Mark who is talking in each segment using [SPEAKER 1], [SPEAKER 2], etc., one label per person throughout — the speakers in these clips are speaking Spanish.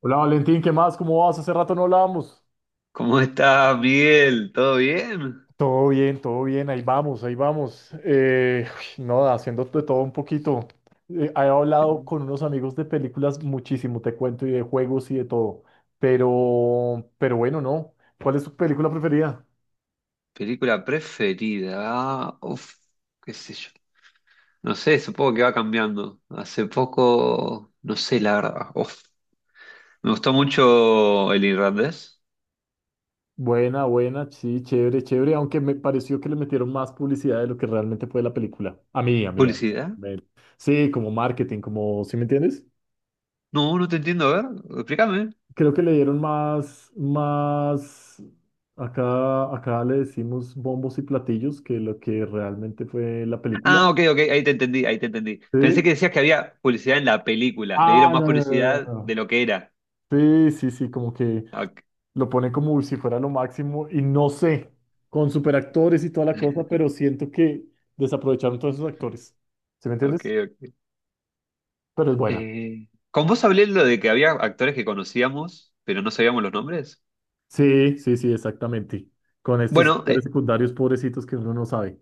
[SPEAKER 1] Hola Valentín, ¿qué más? ¿Cómo vas? Hace rato no hablábamos.
[SPEAKER 2] ¿Cómo estás, Miguel? ¿Todo bien?
[SPEAKER 1] Todo bien, ahí vamos, ahí vamos. No, haciendo de todo un poquito. He hablado con unos amigos de películas muchísimo, te cuento, y de juegos y de todo. Pero bueno, no. ¿Cuál es tu película preferida?
[SPEAKER 2] Película preferida. Qué sé yo. No sé, supongo que va cambiando. Hace poco, no sé, la verdad. Uf. Me gustó mucho El Irlandés.
[SPEAKER 1] Buena, buena, sí, chévere, chévere, aunque me pareció que le metieron más publicidad de lo que realmente fue la película. A mí, a mí, a mí.
[SPEAKER 2] ¿Publicidad?
[SPEAKER 1] a mí. Sí, como marketing, como, ¿sí me entiendes?
[SPEAKER 2] No, no te entiendo, a ver, explícame.
[SPEAKER 1] Creo que le dieron acá, acá le decimos bombos y platillos que lo que realmente fue la película.
[SPEAKER 2] Ok, ok, ahí te entendí, ahí te entendí. Pensé que
[SPEAKER 1] Sí.
[SPEAKER 2] decías que había publicidad en la película. Le dieron
[SPEAKER 1] Ah,
[SPEAKER 2] más
[SPEAKER 1] no, no, no, no,
[SPEAKER 2] publicidad de
[SPEAKER 1] no.
[SPEAKER 2] lo que era.
[SPEAKER 1] Sí, sí, sí, como que
[SPEAKER 2] Ok,
[SPEAKER 1] lo pone como si fuera lo máximo y no sé, con superactores y toda la cosa, pero siento que desaprovecharon todos esos actores. ¿Sí me
[SPEAKER 2] ok.
[SPEAKER 1] entiendes?
[SPEAKER 2] Ok.
[SPEAKER 1] Pero es buena.
[SPEAKER 2] ¿Con vos hablé lo de que había actores que conocíamos, pero no sabíamos los nombres?
[SPEAKER 1] Sí, sí, sí, exactamente. Con estos
[SPEAKER 2] Bueno,
[SPEAKER 1] actores
[SPEAKER 2] eh,
[SPEAKER 1] secundarios pobrecitos que uno no sabe.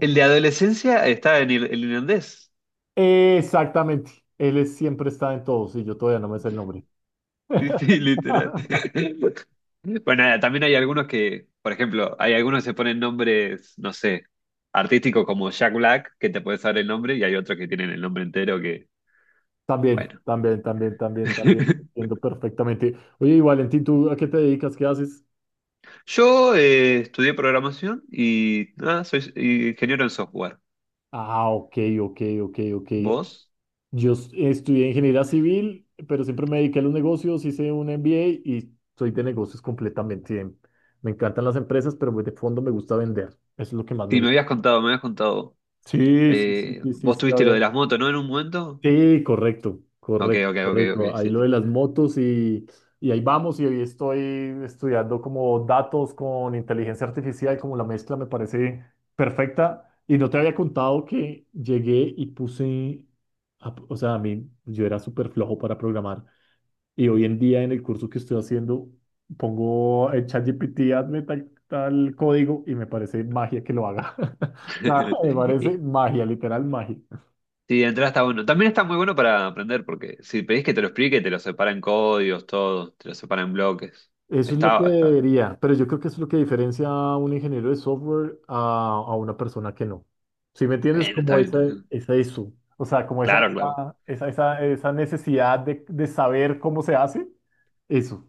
[SPEAKER 2] el de adolescencia está en el irlandés.
[SPEAKER 1] Exactamente. Siempre está en todos y yo todavía no me sé el nombre.
[SPEAKER 2] Sí, sí, literal. Bueno, nada, también hay algunos que, por ejemplo, hay algunos que se ponen nombres, no sé, artísticos como Jack Black, que te puedes saber el nombre, y hay otros que tienen el nombre entero que,
[SPEAKER 1] También,
[SPEAKER 2] bueno.
[SPEAKER 1] también, también, también, también. Entiendo perfectamente. Oye, y Valentín, ¿tú a qué te dedicas? ¿Qué haces?
[SPEAKER 2] Yo estudié programación y nada, soy ingeniero en software.
[SPEAKER 1] Ah, ok, ok, ok, ok.
[SPEAKER 2] ¿Vos?
[SPEAKER 1] Estudié ingeniería civil, pero siempre me dediqué a los negocios, hice un MBA y soy de negocios completamente. Me encantan las empresas, pero de fondo me gusta vender. Eso es lo que más me
[SPEAKER 2] Sí, me
[SPEAKER 1] gusta.
[SPEAKER 2] habías contado, me habías contado.
[SPEAKER 1] Sí, sí, sí, sí, sí,
[SPEAKER 2] Vos
[SPEAKER 1] sí,
[SPEAKER 2] tuviste lo de
[SPEAKER 1] obvio.
[SPEAKER 2] las motos, ¿no? En un momento.
[SPEAKER 1] Sí, correcto,
[SPEAKER 2] Ok,
[SPEAKER 1] correcto,
[SPEAKER 2] ok, ok,
[SPEAKER 1] correcto.
[SPEAKER 2] ok,
[SPEAKER 1] Ahí
[SPEAKER 2] sí.
[SPEAKER 1] lo de las motos y ahí vamos y hoy estoy estudiando como datos con inteligencia artificial, como la mezcla me parece perfecta. Y no te había contado que llegué y o sea, a mí yo era súper flojo para programar y hoy en día en el curso que estoy haciendo pongo el ChatGPT, hazme tal, tal código y me parece magia que lo haga. O sea, me parece magia, literal magia.
[SPEAKER 2] Sí, de entrada está bueno. También está muy bueno para aprender, porque si pedís que te lo explique, te lo separan códigos, todo, te lo separan bloques.
[SPEAKER 1] Eso es lo que
[SPEAKER 2] Está, está.
[SPEAKER 1] debería, pero yo creo que eso es lo que diferencia a un ingeniero de software a una persona que no. ¿Sí me entiendes?
[SPEAKER 2] Bueno, está
[SPEAKER 1] Como esa,
[SPEAKER 2] bien.
[SPEAKER 1] esa eso, O sea, como
[SPEAKER 2] Claro, claro.
[SPEAKER 1] esa necesidad de saber cómo se hace, eso.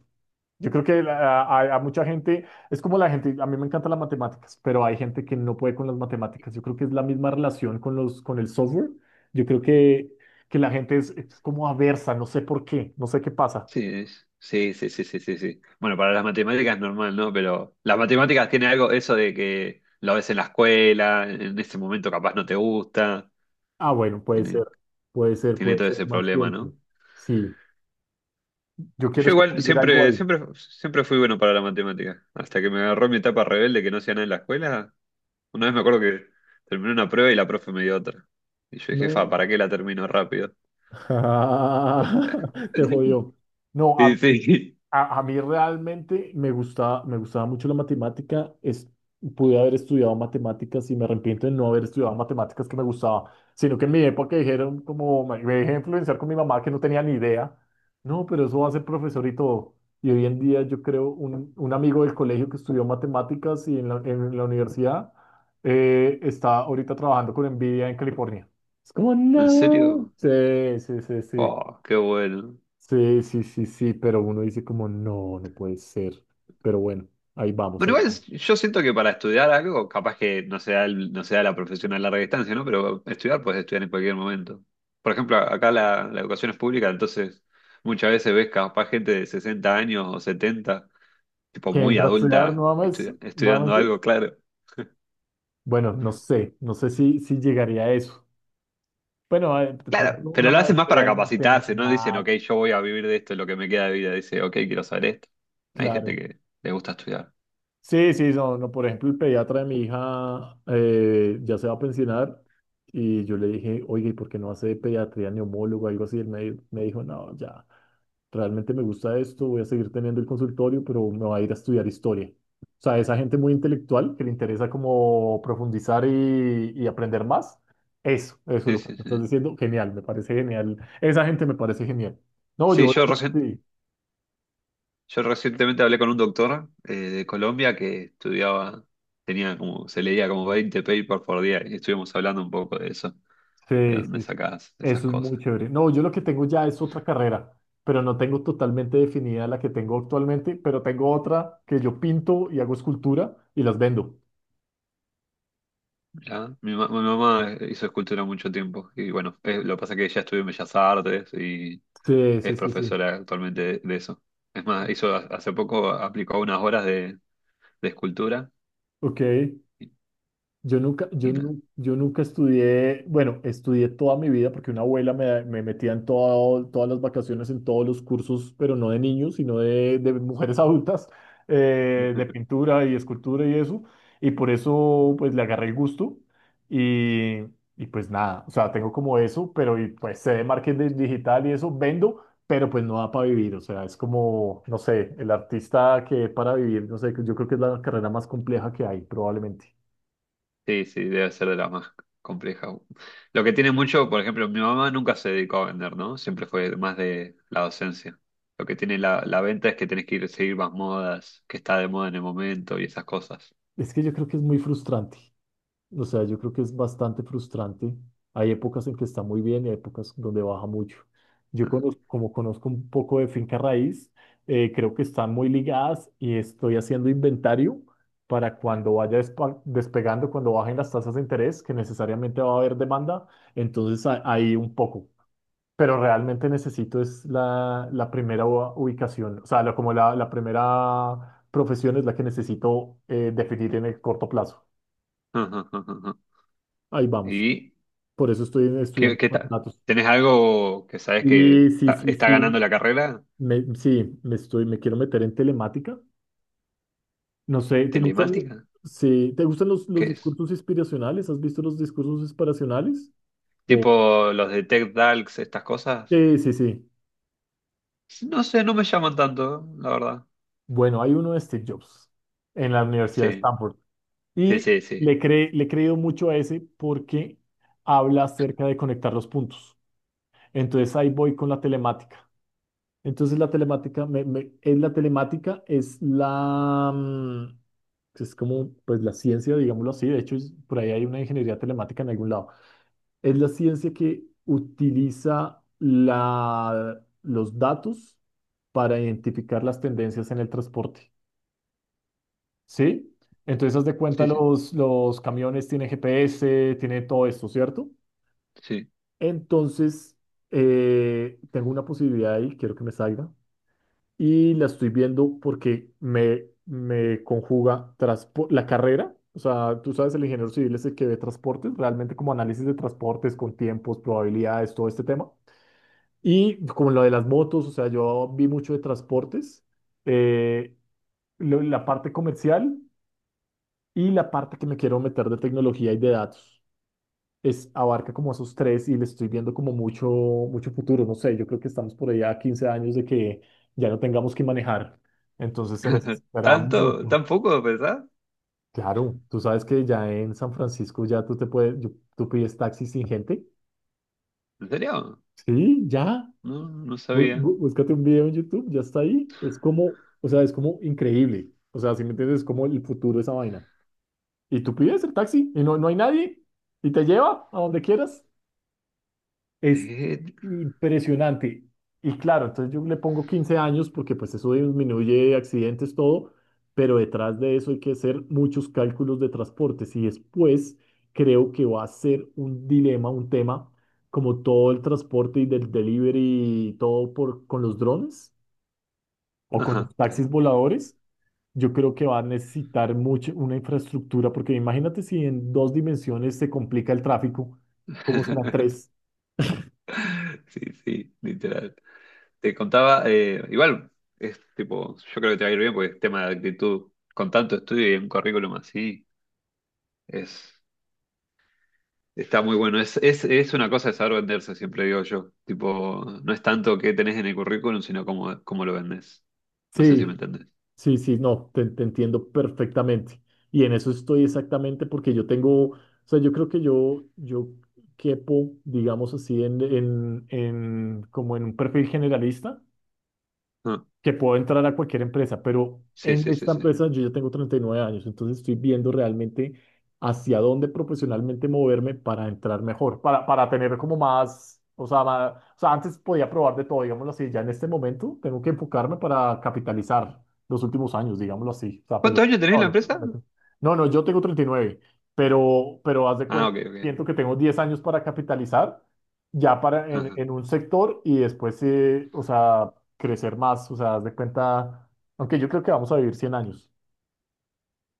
[SPEAKER 1] Yo creo que a mucha gente, es como la gente, a mí me encantan las matemáticas, pero hay gente que no puede con las matemáticas. Yo creo que es la misma relación con con el software. Yo creo que, que la gente es como aversa, no sé por qué, no sé qué pasa.
[SPEAKER 2] Sí, sí, sí, sí, sí, sí, sí. Bueno, para las matemáticas es normal, ¿no? Pero las matemáticas tiene algo, eso de que lo ves en la escuela, en ese momento capaz no te gusta.
[SPEAKER 1] Ah, bueno, puede
[SPEAKER 2] Tiene,
[SPEAKER 1] ser, puede ser,
[SPEAKER 2] tiene
[SPEAKER 1] puede
[SPEAKER 2] todo
[SPEAKER 1] ser
[SPEAKER 2] ese
[SPEAKER 1] más
[SPEAKER 2] problema,
[SPEAKER 1] tiempo.
[SPEAKER 2] ¿no?
[SPEAKER 1] Sí, yo quiero
[SPEAKER 2] Yo
[SPEAKER 1] es
[SPEAKER 2] igual
[SPEAKER 1] conseguir algo
[SPEAKER 2] siempre,
[SPEAKER 1] ahí.
[SPEAKER 2] siempre, siempre fui bueno para la matemática. Hasta que me agarró mi etapa rebelde que no hacía nada en la escuela. Una vez me acuerdo que terminé una prueba y la profe me dio otra. Y yo dije, fa,
[SPEAKER 1] No,
[SPEAKER 2] ¿para qué la termino rápido?
[SPEAKER 1] te jodió. No.
[SPEAKER 2] Sí, sí.
[SPEAKER 1] A mí realmente me gustaba mucho la matemática. Es, pude haber estudiado matemáticas y me arrepiento de no haber estudiado matemáticas que me gustaba, sino que en mi época dijeron como me dejé influenciar con mi mamá que no tenía ni idea. No, pero eso va a ser profesor y todo. Y hoy en día yo creo un amigo del colegio que estudió matemáticas y en la universidad, está ahorita trabajando con Nvidia en California. Es como,
[SPEAKER 2] ¿En
[SPEAKER 1] no.
[SPEAKER 2] serio?
[SPEAKER 1] Sí, sí, sí, sí.
[SPEAKER 2] Oh, qué bueno.
[SPEAKER 1] Sí, sí, sí, sí, pero uno dice como, no, no puede ser. Pero bueno, ahí vamos,
[SPEAKER 2] Bueno,
[SPEAKER 1] ahí
[SPEAKER 2] igual
[SPEAKER 1] vamos.
[SPEAKER 2] es- yo siento que para estudiar algo, capaz que no sea, el- no sea la profesión a larga distancia, ¿no? Pero estudiar puedes estudiar en cualquier momento. Por ejemplo, acá la educación es pública, entonces muchas veces ves capaz gente de 60 años o 70 tipo
[SPEAKER 1] ¿Qué
[SPEAKER 2] muy
[SPEAKER 1] entra a estudiar
[SPEAKER 2] adulta,
[SPEAKER 1] nuevamente?
[SPEAKER 2] estu- estudiando
[SPEAKER 1] nuevamente?
[SPEAKER 2] algo, claro.
[SPEAKER 1] Bueno, no sé, no sé si llegaría a eso. Bueno, a- de
[SPEAKER 2] Claro,
[SPEAKER 1] pronto una
[SPEAKER 2] pero lo hacen más
[SPEAKER 1] maestría
[SPEAKER 2] para
[SPEAKER 1] en
[SPEAKER 2] capacitarse, no dicen,
[SPEAKER 1] matemáticas,
[SPEAKER 2] ok, yo voy a vivir de esto, lo que me queda de vida, dice, ok, quiero saber esto. Hay gente
[SPEAKER 1] claro.
[SPEAKER 2] que le gusta estudiar.
[SPEAKER 1] Sí, sí, no, no, por ejemplo, el pediatra de mi hija, ya se va a pensionar y yo le dije, oye, ¿y por qué no hace pediatría neumólogo o algo así? Él me dijo, no, ya, realmente me gusta esto, voy a seguir teniendo el consultorio, pero me voy a ir a estudiar historia. O sea, esa gente muy intelectual que le interesa como profundizar y aprender más, eso es
[SPEAKER 2] Sí,
[SPEAKER 1] lo que
[SPEAKER 2] sí,
[SPEAKER 1] me estás
[SPEAKER 2] sí.
[SPEAKER 1] diciendo, genial, me parece genial. Esa gente me parece genial. No, yo
[SPEAKER 2] Sí,
[SPEAKER 1] voy
[SPEAKER 2] yo,
[SPEAKER 1] a...
[SPEAKER 2] recien-
[SPEAKER 1] Sí,
[SPEAKER 2] yo recientemente hablé con un doctor de Colombia que estudiaba, tenía como, se leía como 20 papers por día y estuvimos hablando un poco de eso, de
[SPEAKER 1] sí,
[SPEAKER 2] dónde
[SPEAKER 1] sí.
[SPEAKER 2] sacás esas
[SPEAKER 1] Eso es muy
[SPEAKER 2] cosas.
[SPEAKER 1] chévere. No, yo lo que tengo ya es otra carrera, pero no tengo totalmente definida la que tengo actualmente, pero tengo otra que yo pinto y hago escultura y las vendo.
[SPEAKER 2] Mirá, mi mamá hizo escultura mucho tiempo y bueno, lo que pasa es que ella estudió en Bellas Artes y
[SPEAKER 1] Sí,
[SPEAKER 2] es
[SPEAKER 1] sí, sí, sí.
[SPEAKER 2] profesora actualmente de eso. Es más, hizo hace poco, aplicó unas horas de escultura
[SPEAKER 1] Ok.
[SPEAKER 2] y, y nada.
[SPEAKER 1] Yo nunca estudié, bueno, estudié toda mi vida porque una abuela me metía en todas las vacaciones, en todos los cursos, pero no de niños, sino de mujeres adultas, de pintura y escultura y eso. Y por eso, pues, le agarré el gusto y, y pues nada, o sea, tengo como eso, pues sé de marketing digital y eso, vendo, pero pues no da para vivir, o sea, es como, no sé, el artista que para vivir, no sé, yo creo que es la carrera más compleja que hay, probablemente.
[SPEAKER 2] Sí, sí, debe ser de las más complejas. Lo que tiene mucho, por ejemplo, mi mamá nunca se dedicó a vender, ¿no? Siempre fue más de la docencia. Lo que tiene la venta es que tenés que ir a seguir más modas, que está de moda en el momento y esas cosas.
[SPEAKER 1] Es que yo creo que es muy frustrante. O sea, yo creo que es bastante frustrante. Hay épocas en que está muy bien y hay épocas donde baja mucho. Como conozco un poco de finca raíz, creo que están muy ligadas y estoy haciendo inventario para cuando vaya despegando, cuando bajen las tasas de interés, que necesariamente va a haber demanda. Ahí un poco, pero realmente necesito es la primera ubicación, o sea, la primera profesión es la que necesito, definir en el corto plazo. Ahí vamos.
[SPEAKER 2] ¿Y
[SPEAKER 1] Por eso estoy
[SPEAKER 2] qué,
[SPEAKER 1] estudiando
[SPEAKER 2] qué
[SPEAKER 1] con
[SPEAKER 2] tal?
[SPEAKER 1] datos.
[SPEAKER 2] ¿Tenés algo que sabes
[SPEAKER 1] Y
[SPEAKER 2] que
[SPEAKER 1] sí,
[SPEAKER 2] está,
[SPEAKER 1] sí,
[SPEAKER 2] está ganando
[SPEAKER 1] sí,
[SPEAKER 2] la carrera?
[SPEAKER 1] sí, me quiero meter en telemática. No sé, ¿te gustan,
[SPEAKER 2] ¿Telemática?
[SPEAKER 1] sí, ¿te gustan
[SPEAKER 2] ¿Qué
[SPEAKER 1] los
[SPEAKER 2] es?
[SPEAKER 1] discursos inspiracionales? ¿Has visto los discursos inspiracionales? O,
[SPEAKER 2] Tipo los de Tech Talks, estas cosas.
[SPEAKER 1] sí, sí, sí.
[SPEAKER 2] No sé, no me llaman tanto, la verdad.
[SPEAKER 1] Bueno, hay uno de Steve Jobs en la Universidad de
[SPEAKER 2] Sí,
[SPEAKER 1] Stanford.
[SPEAKER 2] sí,
[SPEAKER 1] Y
[SPEAKER 2] sí, sí.
[SPEAKER 1] le he creído mucho a ese porque habla acerca de conectar los puntos. Entonces ahí voy con la telemática. Entonces la telemática es la telemática, es es como pues la ciencia, digámoslo así. De hecho, por ahí hay una ingeniería telemática en algún lado. Es la ciencia que utiliza los datos para identificar las tendencias en el transporte. ¿Sí? Entonces, haz de cuenta,
[SPEAKER 2] Sí, sí,
[SPEAKER 1] los camiones tienen GPS, tienen todo esto, ¿cierto?
[SPEAKER 2] sí.
[SPEAKER 1] Entonces, tengo una posibilidad ahí, quiero que me salga, y la estoy viendo porque me conjuga la carrera. O sea, tú sabes, el ingeniero civil es el que ve transportes, realmente como análisis de transportes con tiempos, probabilidades, todo este tema. Y como lo de las motos, o sea, yo vi mucho de transportes, eh, la parte comercial y la parte que me quiero meter de tecnología y de datos es, abarca como esos tres y le estoy viendo como mucho, mucho futuro. No sé, yo creo que estamos por allá a 15 años de que ya no tengamos que manejar. Entonces se necesitará
[SPEAKER 2] ¿Tanto?
[SPEAKER 1] mucho.
[SPEAKER 2] ¿Tan poco, pensás?
[SPEAKER 1] Claro, tú sabes que ya en San Francisco ya tú te puedes, tú pides taxi sin gente.
[SPEAKER 2] ¿En serio?
[SPEAKER 1] Sí, ya.
[SPEAKER 2] No, no sabía.
[SPEAKER 1] Búscate un video en YouTube, ya está ahí. Es como, o sea, es como increíble. O sea, si me entiendes, es como el futuro de esa vaina. Y tú pides el taxi y no, no hay nadie y te lleva a donde quieras. Es
[SPEAKER 2] Eh,
[SPEAKER 1] impresionante. Y claro, entonces yo le pongo 15 años porque pues eso disminuye accidentes, todo, pero detrás de eso hay que hacer muchos cálculos de transportes y después creo que va a ser un dilema, un tema, como todo el transporte y del delivery y todo por, con los drones o con los
[SPEAKER 2] ajá, te
[SPEAKER 1] taxis
[SPEAKER 2] ju-
[SPEAKER 1] voladores. Yo creo que va a necesitar mucho una infraestructura porque imagínate si en dos dimensiones se complica el tráfico, ¿cómo serán tres?
[SPEAKER 2] Sí, sí, literal. Te contaba, igual, es tipo, yo creo que te va a ir bien porque es tema de actitud. Con tanto estudio y un currículum así, es. Está muy bueno. Es una cosa de saber venderse, siempre digo yo. Tipo, no es tanto qué tenés en el currículum, sino cómo, cómo lo vendés. No sé
[SPEAKER 1] Sí.
[SPEAKER 2] si me entendés.
[SPEAKER 1] Sí, sí, no, te entiendo perfectamente. Y en eso estoy exactamente porque yo tengo, o sea, yo creo que yo quepo, digamos así, en, como en un perfil generalista,
[SPEAKER 2] Ah,
[SPEAKER 1] que puedo entrar a cualquier empresa, pero
[SPEAKER 2] sí,
[SPEAKER 1] en
[SPEAKER 2] sí, sí,
[SPEAKER 1] esta
[SPEAKER 2] sí.
[SPEAKER 1] empresa yo ya tengo 39 años, entonces estoy viendo realmente hacia dónde profesionalmente moverme para entrar mejor, para tener como más, o sea, o sea, antes podía probar de todo, digámoslo así, ya en este momento tengo que enfocarme para capitalizar los últimos años, digámoslo así.
[SPEAKER 2] ¿Cuántos años tenés en
[SPEAKER 1] No,
[SPEAKER 2] la
[SPEAKER 1] lo-
[SPEAKER 2] empresa?
[SPEAKER 1] no, no, yo tengo 39, pero haz de
[SPEAKER 2] Ah,
[SPEAKER 1] cuenta,
[SPEAKER 2] ok, ok.
[SPEAKER 1] siento que tengo 10 años para capitalizar ya para
[SPEAKER 2] Ajá.
[SPEAKER 1] en un sector y después, o sea, crecer más, o sea, haz de cuenta, aunque yo creo que vamos a vivir 100 años.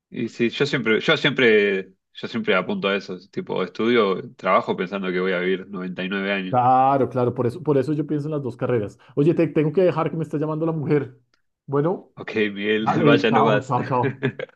[SPEAKER 2] Y sí, yo siempre, yo siempre, yo siempre apunto a eso. Tipo, estudio, trabajo pensando que voy a vivir 99 años.
[SPEAKER 1] Claro, claro, por eso yo pienso en las dos carreras. Oye, te tengo que dejar que me está llamando la mujer. Bueno,
[SPEAKER 2] Ok, Miguel,
[SPEAKER 1] dale,
[SPEAKER 2] vaya
[SPEAKER 1] chao,
[SPEAKER 2] nomás.
[SPEAKER 1] chao, chao.